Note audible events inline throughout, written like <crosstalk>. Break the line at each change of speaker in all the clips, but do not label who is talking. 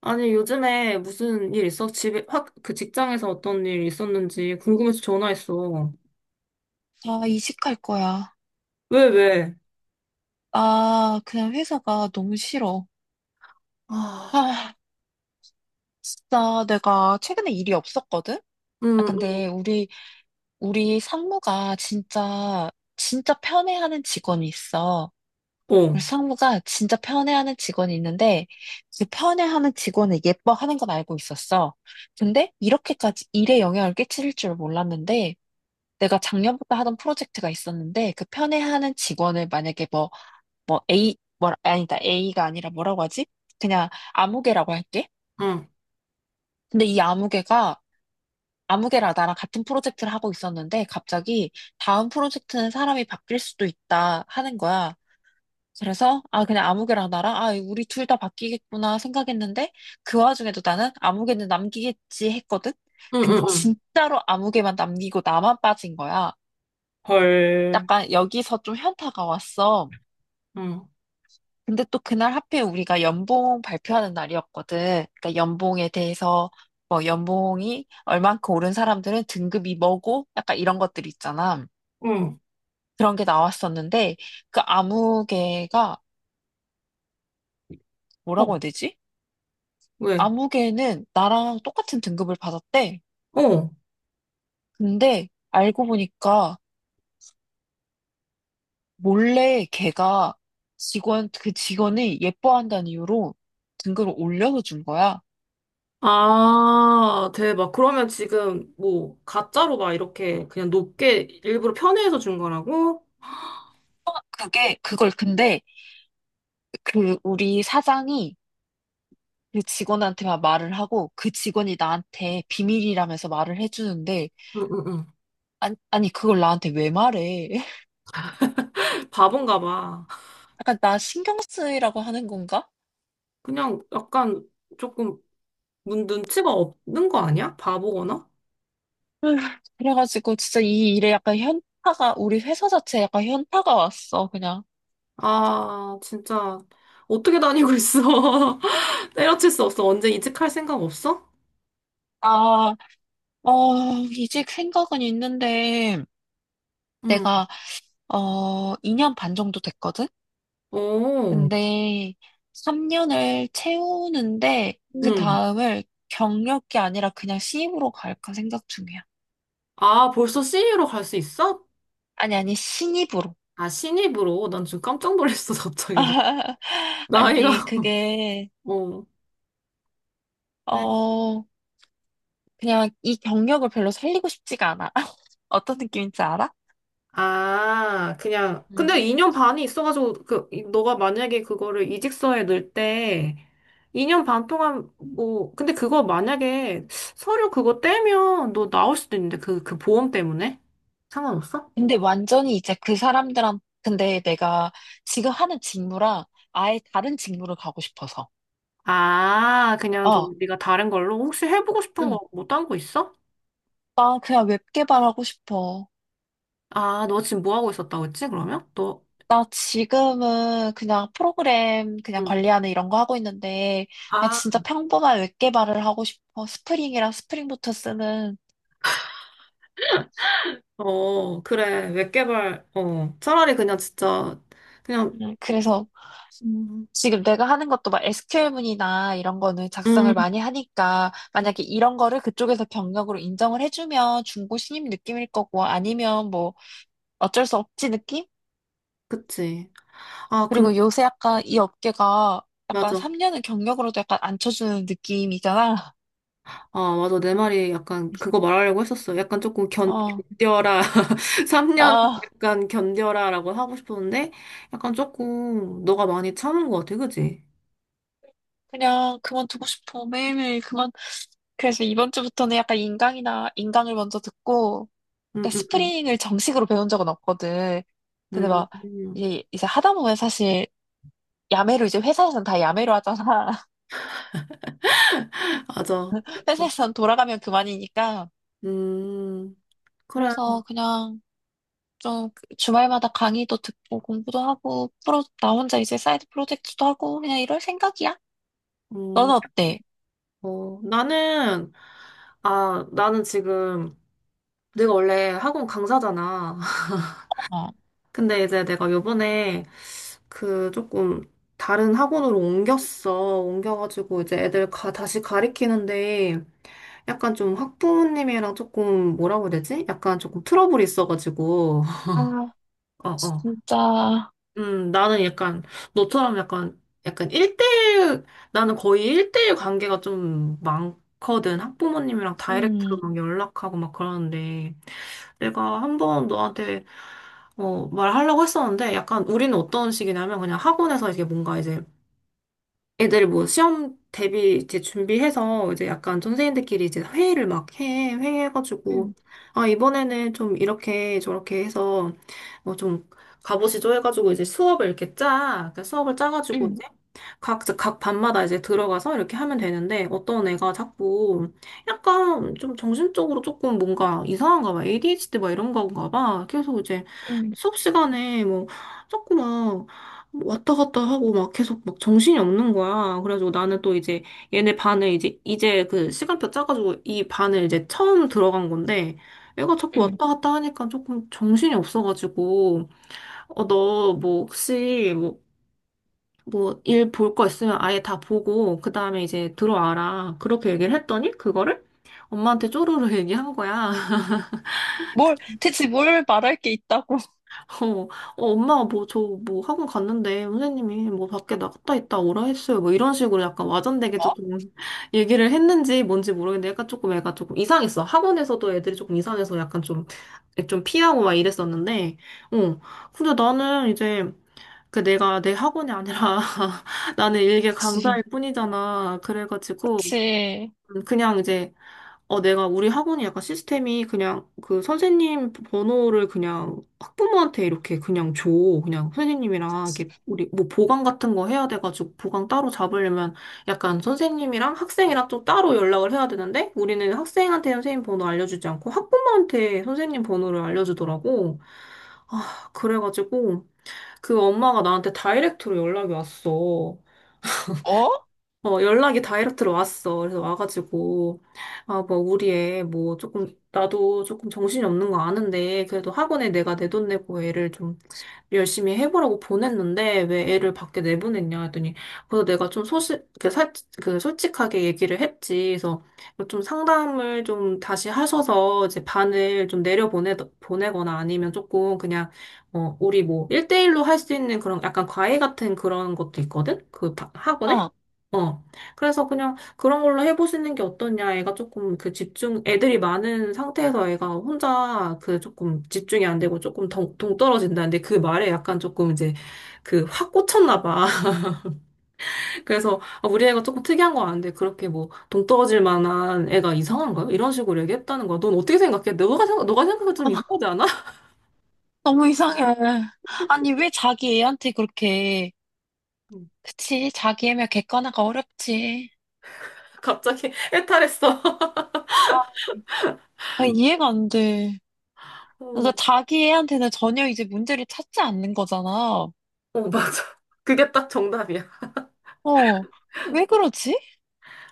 아니, 요즘에 무슨 일 있어? 집에, 확, 그 직장에서 어떤 일 있었는지 궁금해서 전화했어.
나 이직할 거야.
왜, 왜?
아, 그냥 회사가 너무 싫어.
아,
아, 진짜 내가 최근에 일이 없었거든? 아,
응,
근데 우리 상무가 진짜 편애하는 직원이 있어.
응,
우리
어,
상무가 진짜 편애하는 직원이 있는데, 그 편애하는 직원을 예뻐하는 건 알고 있었어. 근데 이렇게까지 일에 영향을 끼칠 줄 몰랐는데, 내가 작년부터 하던 프로젝트가 있었는데, 그 편애하는 직원을 만약에 뭐, 뭐 A, 뭐, 아, 아니다. A가 아니라 뭐라고 하지? 그냥 아무개라고 할게.
응, 응,
근데 이 아무개가, 아무개랑 나랑 같은 프로젝트를 하고 있었는데 갑자기 다음 프로젝트는 사람이 바뀔 수도 있다 하는 거야. 그래서, 아, 그냥 아무개랑 나랑, 아, 우리 둘 다 바뀌겠구나 생각했는데 그 와중에도 나는 아무개는 남기겠지 했거든?
응,
근데
응,
진짜로 아무개만 남기고 나만 빠진 거야.
헐,
약간 여기서 좀 현타가 왔어.
응.
근데 또 그날 하필 우리가 연봉 발표하는 날이었거든. 그러니까 연봉에 대해서 뭐 연봉이 얼만큼 오른 사람들은 등급이 뭐고 약간 이런 것들 있잖아.
응.
그런 게 나왔었는데 그 아무개가
어,
뭐라고 해야 되지?
왜?
아무개는 나랑 똑같은 등급을 받았대.
어,
근데 알고 보니까 몰래 걔가 직원 그 직원을 예뻐한다는 이유로 등급을 올려서 준 거야.
아, 대박. 그러면 지금 뭐 가짜로 막 이렇게 그냥 높게 일부러 편의해서 준 거라고?
그게 그걸 근데 그 우리 사장이 그 직원한테만 말을 하고 그 직원이 나한테 비밀이라면서 말을 해주는데
응, 응,
아니 그걸 나한테 왜 말해? <laughs>
응. 바본가 봐.
약간 나 신경 쓰이라고 하는 건가?
그냥 약간 조금 문 눈치가 없는 거 아니야? 바보거나?
휴. 그래가지고 진짜 이 일에 약간 현타가 우리 회사 자체에 약간 현타가 왔어 그냥.
아, 진짜. 어떻게 다니고 있어? <laughs> 때려칠 수 없어. 언제 이직할 생각 없어?
아, 이직 생각은 있는데
응.
내가 2년 반 정도 됐거든?
오,
근데 3년을 채우는데 그
응.
다음을 경력이 아니라 그냥 신입으로 갈까 생각 중이야.
아, 벌써 신입로갈 수 있어?
아니, 신입으로.
아, 신입으로? 난 지금 깜짝 놀랐어, <laughs> 갑자기. 너.
<laughs>
나이가,
아니,
<laughs>
그게,
어. 네.
어, 그냥 이 경력을 별로 살리고 싶지가 않아. <laughs> 어떤 느낌인지 알아?
아, 그냥. 근데
음.
2년 반이 있어가지고, 그, 너가 만약에 그거를 이직서에 넣을 때, 2년 반 동안, 뭐, 근데 그거 만약에 서류 그거 떼면 너 나올 수도 있는데, 그 보험 때문에? 상관없어?
근데 완전히 이제 그 사람들한, 근데 내가 지금 하는 직무랑 아예 다른 직무를 가고 싶어서.
아, 그냥
어,
좀 네가 다른 걸로 혹시 해보고 싶은 거
응.
뭐 딴 거 있어?
나 그냥 웹 개발하고 싶어.
아, 너 지금 뭐 하고 있었다고 했지, 그러면? 너,
나 지금은 그냥 프로그램 그냥
응.
관리하는 이런 거 하고 있는데, 그냥
아,
진짜 평범한 웹 개발을 하고 싶어. 스프링이랑 스프링부터 쓰는.
어, 그래. 웹 개발, 어. 차라리 그냥 진짜, 그냥,
그래서
음,
지금 내가 하는 것도 막 SQL문이나 이런 거는 작성을
음,
많이 하니까
음,
만약에 이런 거를 그쪽에서 경력으로 인정을 해주면 중고 신입 느낌일 거고 아니면 뭐 어쩔 수 없지 느낌?
그치. 아, 근데,
그리고 요새 약간 이 업계가 약간
맞아.
3년은 경력으로도 약간 안 쳐주는 느낌이잖아.
아, 맞아. 내 말이 약간
그래서
그거 말하려고 했었어. 약간 조금
어,
견뎌라. <laughs> 3년
아
약간 견뎌라 라고 하고 싶었는데, 약간 조금 너가 많이 참은 것 같아. 그치?
그냥 그만두고 싶어 매일매일 그만. 그래서 이번 주부터는 약간 인강이나 인강을 먼저 듣고
응,
그러니까
응, 응.
스프링을 정식으로 배운 적은 없거든. 근데
음,
막
음.
이제 하다 보면 사실 야매로 이제 회사에서는 다 야매로 하잖아.
맞아.
<laughs> 회사
약간.
에서는 돌아가면 그만이니까.
음, 그래.
그래서 그냥 좀 주말마다 강의도 듣고 공부도 하고 프로 나 혼자 이제 사이드 프로젝트도 하고 그냥 이럴 생각이야.
음,
너는 어때?
어, 나는, 아, 나는 지금, 내가 원래 학원 강사잖아. <laughs>
어.
근데 이제 내가 요번에 그 조금 다른 학원으로 옮겼어. 옮겨가지고 이제 애들 다시 가리키는데 약간 좀 학부모님이랑 조금 뭐라고 해야 되지? 약간 조금 트러블이 있어가지고. <laughs>
아,
어어.
진짜.
나는 약간, 너처럼 약간, 약간 1대1, 나는 거의 1대1 관계가 좀 많거든. 학부모님이랑 다이렉트로
음,
막 연락하고 막 그러는데, 내가 한번 너한테, 어, 말하려고 했었는데, 약간 우리는 어떤 식이냐면, 그냥 학원에서 이게 뭔가 이제 애들 뭐 시험 대비 이제 준비해서 이제 약간 선생님들끼리 이제 회의를 막 회의해가지고,
음,
아, 이번에는 좀 이렇게 저렇게 해서 뭐 좀 가보시죠 해가지고 이제 수업을 이렇게 짜. 그러니까 수업을 짜가지고
음,
이제 각 반마다 이제 들어가서 이렇게 하면 되는데 어떤 애가 자꾸 약간 좀 정신적으로 조금 뭔가 이상한가 봐. ADHD 막 이런 건가 봐. 계속 이제
음,
수업 시간에 뭐 자꾸 막 뭐 왔다 갔다 하고 막 계속 막 정신이 없는 거야. 그래가지고 나는 또 이제 얘네 반을 이제 그 시간표 짜가지고 이 반을 이제 처음 들어간 건데 애가 자꾸
음.
왔다 갔다 하니까 조금 정신이 없어가지고 어, 너 뭐 혹시 뭐 일 볼 거 있으면 아예 다 보고 그 다음에 이제 들어와라. 그렇게 얘기를 했더니 그거를 엄마한테 쪼르르 얘기한 거야. <laughs>
뭘, 대체 뭘 말할 게 있다고. <laughs>
<laughs> 어, 어, 엄마가 뭐, 저, 뭐, 학원 갔는데, 선생님이 뭐, 밖에 나갔다 있다 오라 했어요. 뭐, 이런 식으로 약간 와전되게
어?
조금 <laughs> 얘기를 했는지 뭔지 모르겠는데, 약간 조금 애가 조금 이상했어. 학원에서도 애들이 조금 이상해서 약간 좀 피하고 막 이랬었는데, 어. 근데 나는 이제, 그 내가 내 학원이 아니라, <laughs> 나는 일개
그치,
강사일 뿐이잖아. 그래가지고,
그치.
그냥 이제, 어, 내가 우리 학원이 약간 시스템이 그냥 그 선생님 번호를 그냥 학부모한테 이렇게 그냥 줘. 그냥 선생님이랑 이렇게 우리 뭐 보강 같은 거 해야 돼가지고 보강 따로 잡으려면 약간 선생님이랑 학생이랑 또 따로 연락을 해야 되는데 우리는 학생한테 선생님 번호 알려주지 않고 학부모한테 선생님 번호를 알려주더라고. 아, 그래가지고 그 엄마가 나한테 다이렉트로 연락이 왔어.
어?
어, 연락이 다이렉트로 왔어. 그래서 와가지고, 아, 뭐, 우리 애, 뭐, 조금, 나도 조금 정신이 없는 거 아는데, 그래도 학원에 내가 내 돈 내고 애를 좀 열심히 해보라고 보냈는데, 왜 애를 밖에 내보냈냐 했더니, 그래서 내가 좀 그, 솔직하게 얘기를 했지. 그래서 좀 상담을 좀 다시 하셔서, 이제 반을 좀 보내거나 아니면 조금 그냥, 어, 우리 뭐, 일대일로 할 수 있는 그런 약간 과외 같은 그런 것도 있거든? 그 학원에?
어.
어. 그래서 그냥 그런 걸로 해보시는 게 어떠냐. 애가 조금 그 집중, 애들이 많은 상태에서 애가 혼자 그 조금 집중이 안 되고 조금 동, 동떨어진다는데 그 말에 약간 조금 이제 그 확 꽂혔나 봐. <laughs> 그래서 아, 우리 애가 조금 특이한 거 아는데 그렇게 뭐 동떨어질 만한 애가 이상한가요? 이런 식으로 얘기했다는 거야. 넌 어떻게 생각해? 너가 생각해도 좀
어.
이상하지 않아?
너무 이상해. 아니, 왜 자기 애한테 그렇게,
<laughs> 음.
그치, 자기 애면 객관화가 어렵지.
갑자기 <laughs> 해탈했어. <laughs>
아, 아, 이해가 안 돼.
어,
그러니까 자기 애한테는 전혀 이제 문제를 찾지 않는 거잖아.
어, 맞아. 그게 딱 정답이야.
어, 왜 그러지?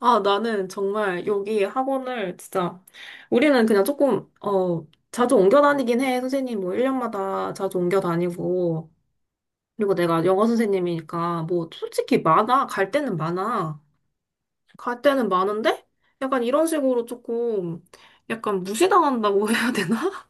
아, 나는 정말 여기 학원을 진짜, 우리는 그냥 조금, 어, 자주 옮겨 다니긴 해. 선생님 뭐 1년마다 자주 옮겨 다니고. 그리고 내가 영어 선생님이니까 뭐 솔직히 많아. 갈 때는 많아. 갈 때는 많은데? 약간 이런 식으로 조금, 약간 무시당한다고 <laughs> 해야 되나?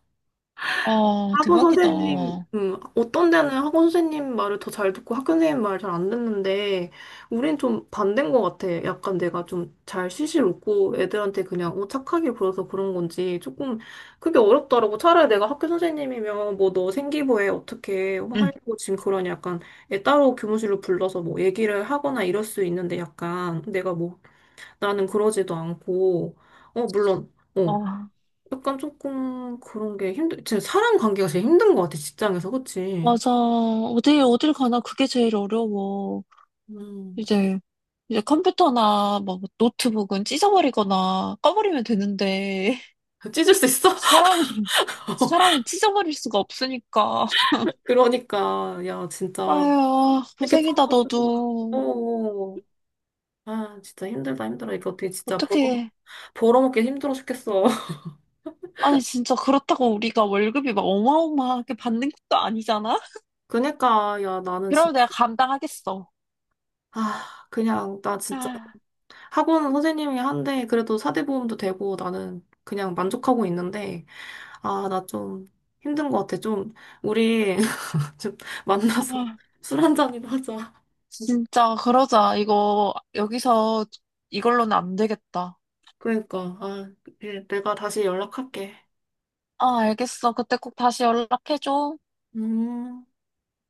아,
학원
대박이다.
선생님, 어떤 데는 학원 선생님 말을 더 잘 듣고 학교 선생님 말을 잘 안 듣는데, 우린 좀 반대인 것 같아. 약간 내가 좀 잘 실실 웃고 애들한테 그냥 어, 착하게 굴어서 그런 건지 조금 그게 어렵더라고. 차라리 내가 학교 선생님이면 뭐 너 생기부에 어떻게
응.
하려고 지금 그러냐. 약간 애 따로 교무실로 불러서 뭐 얘기를 하거나 이럴 수 있는데 약간 내가 뭐 나는 그러지도 않고, 어, 물론. 어,
아,
약간 조금 그런 게 진짜 사람 관계가 제일 힘든 것 같아, 직장에서, 그치?
맞아. 어딜 가나 그게 제일 어려워.
음,
이제, 이제 컴퓨터나 뭐 노트북은 찢어버리거나 꺼버리면 되는데,
찢을 수
<laughs>
있어?
사람은,
<laughs>
사람은 찢어버릴 수가 없으니까.
그러니까, 야, 진짜,
아유,
이렇게
고생이다,
참고, 어,
너도.
어. 아, 진짜 힘들다, 힘들어. 이거 어떻게 진짜
어떻게.
벌어먹기 힘들어 죽겠어. <laughs>
아니, 진짜 그렇다고 우리가 월급이 막 어마어마하게 받는 것도 아니잖아?
그니까, 야, 나는
그럼
진짜,
내가 감당하겠어.
아, 그냥, 나 진짜,
아,
학원 선생님이 한데, 그래도 사대보험도 되고, 나는 그냥 만족하고 있는데, 아, 나 좀 힘든 것 같아. 좀, 우리, 즉, 만나서 <laughs>
아,
술 한 잔이나 하자.
진짜, 그러자. 이거, 여기서 이걸로는 안 되겠다.
그러니까, 아, 예, 내가 다시 연락할게.
아, 알겠어. 그때 꼭 다시 연락해줘.
음.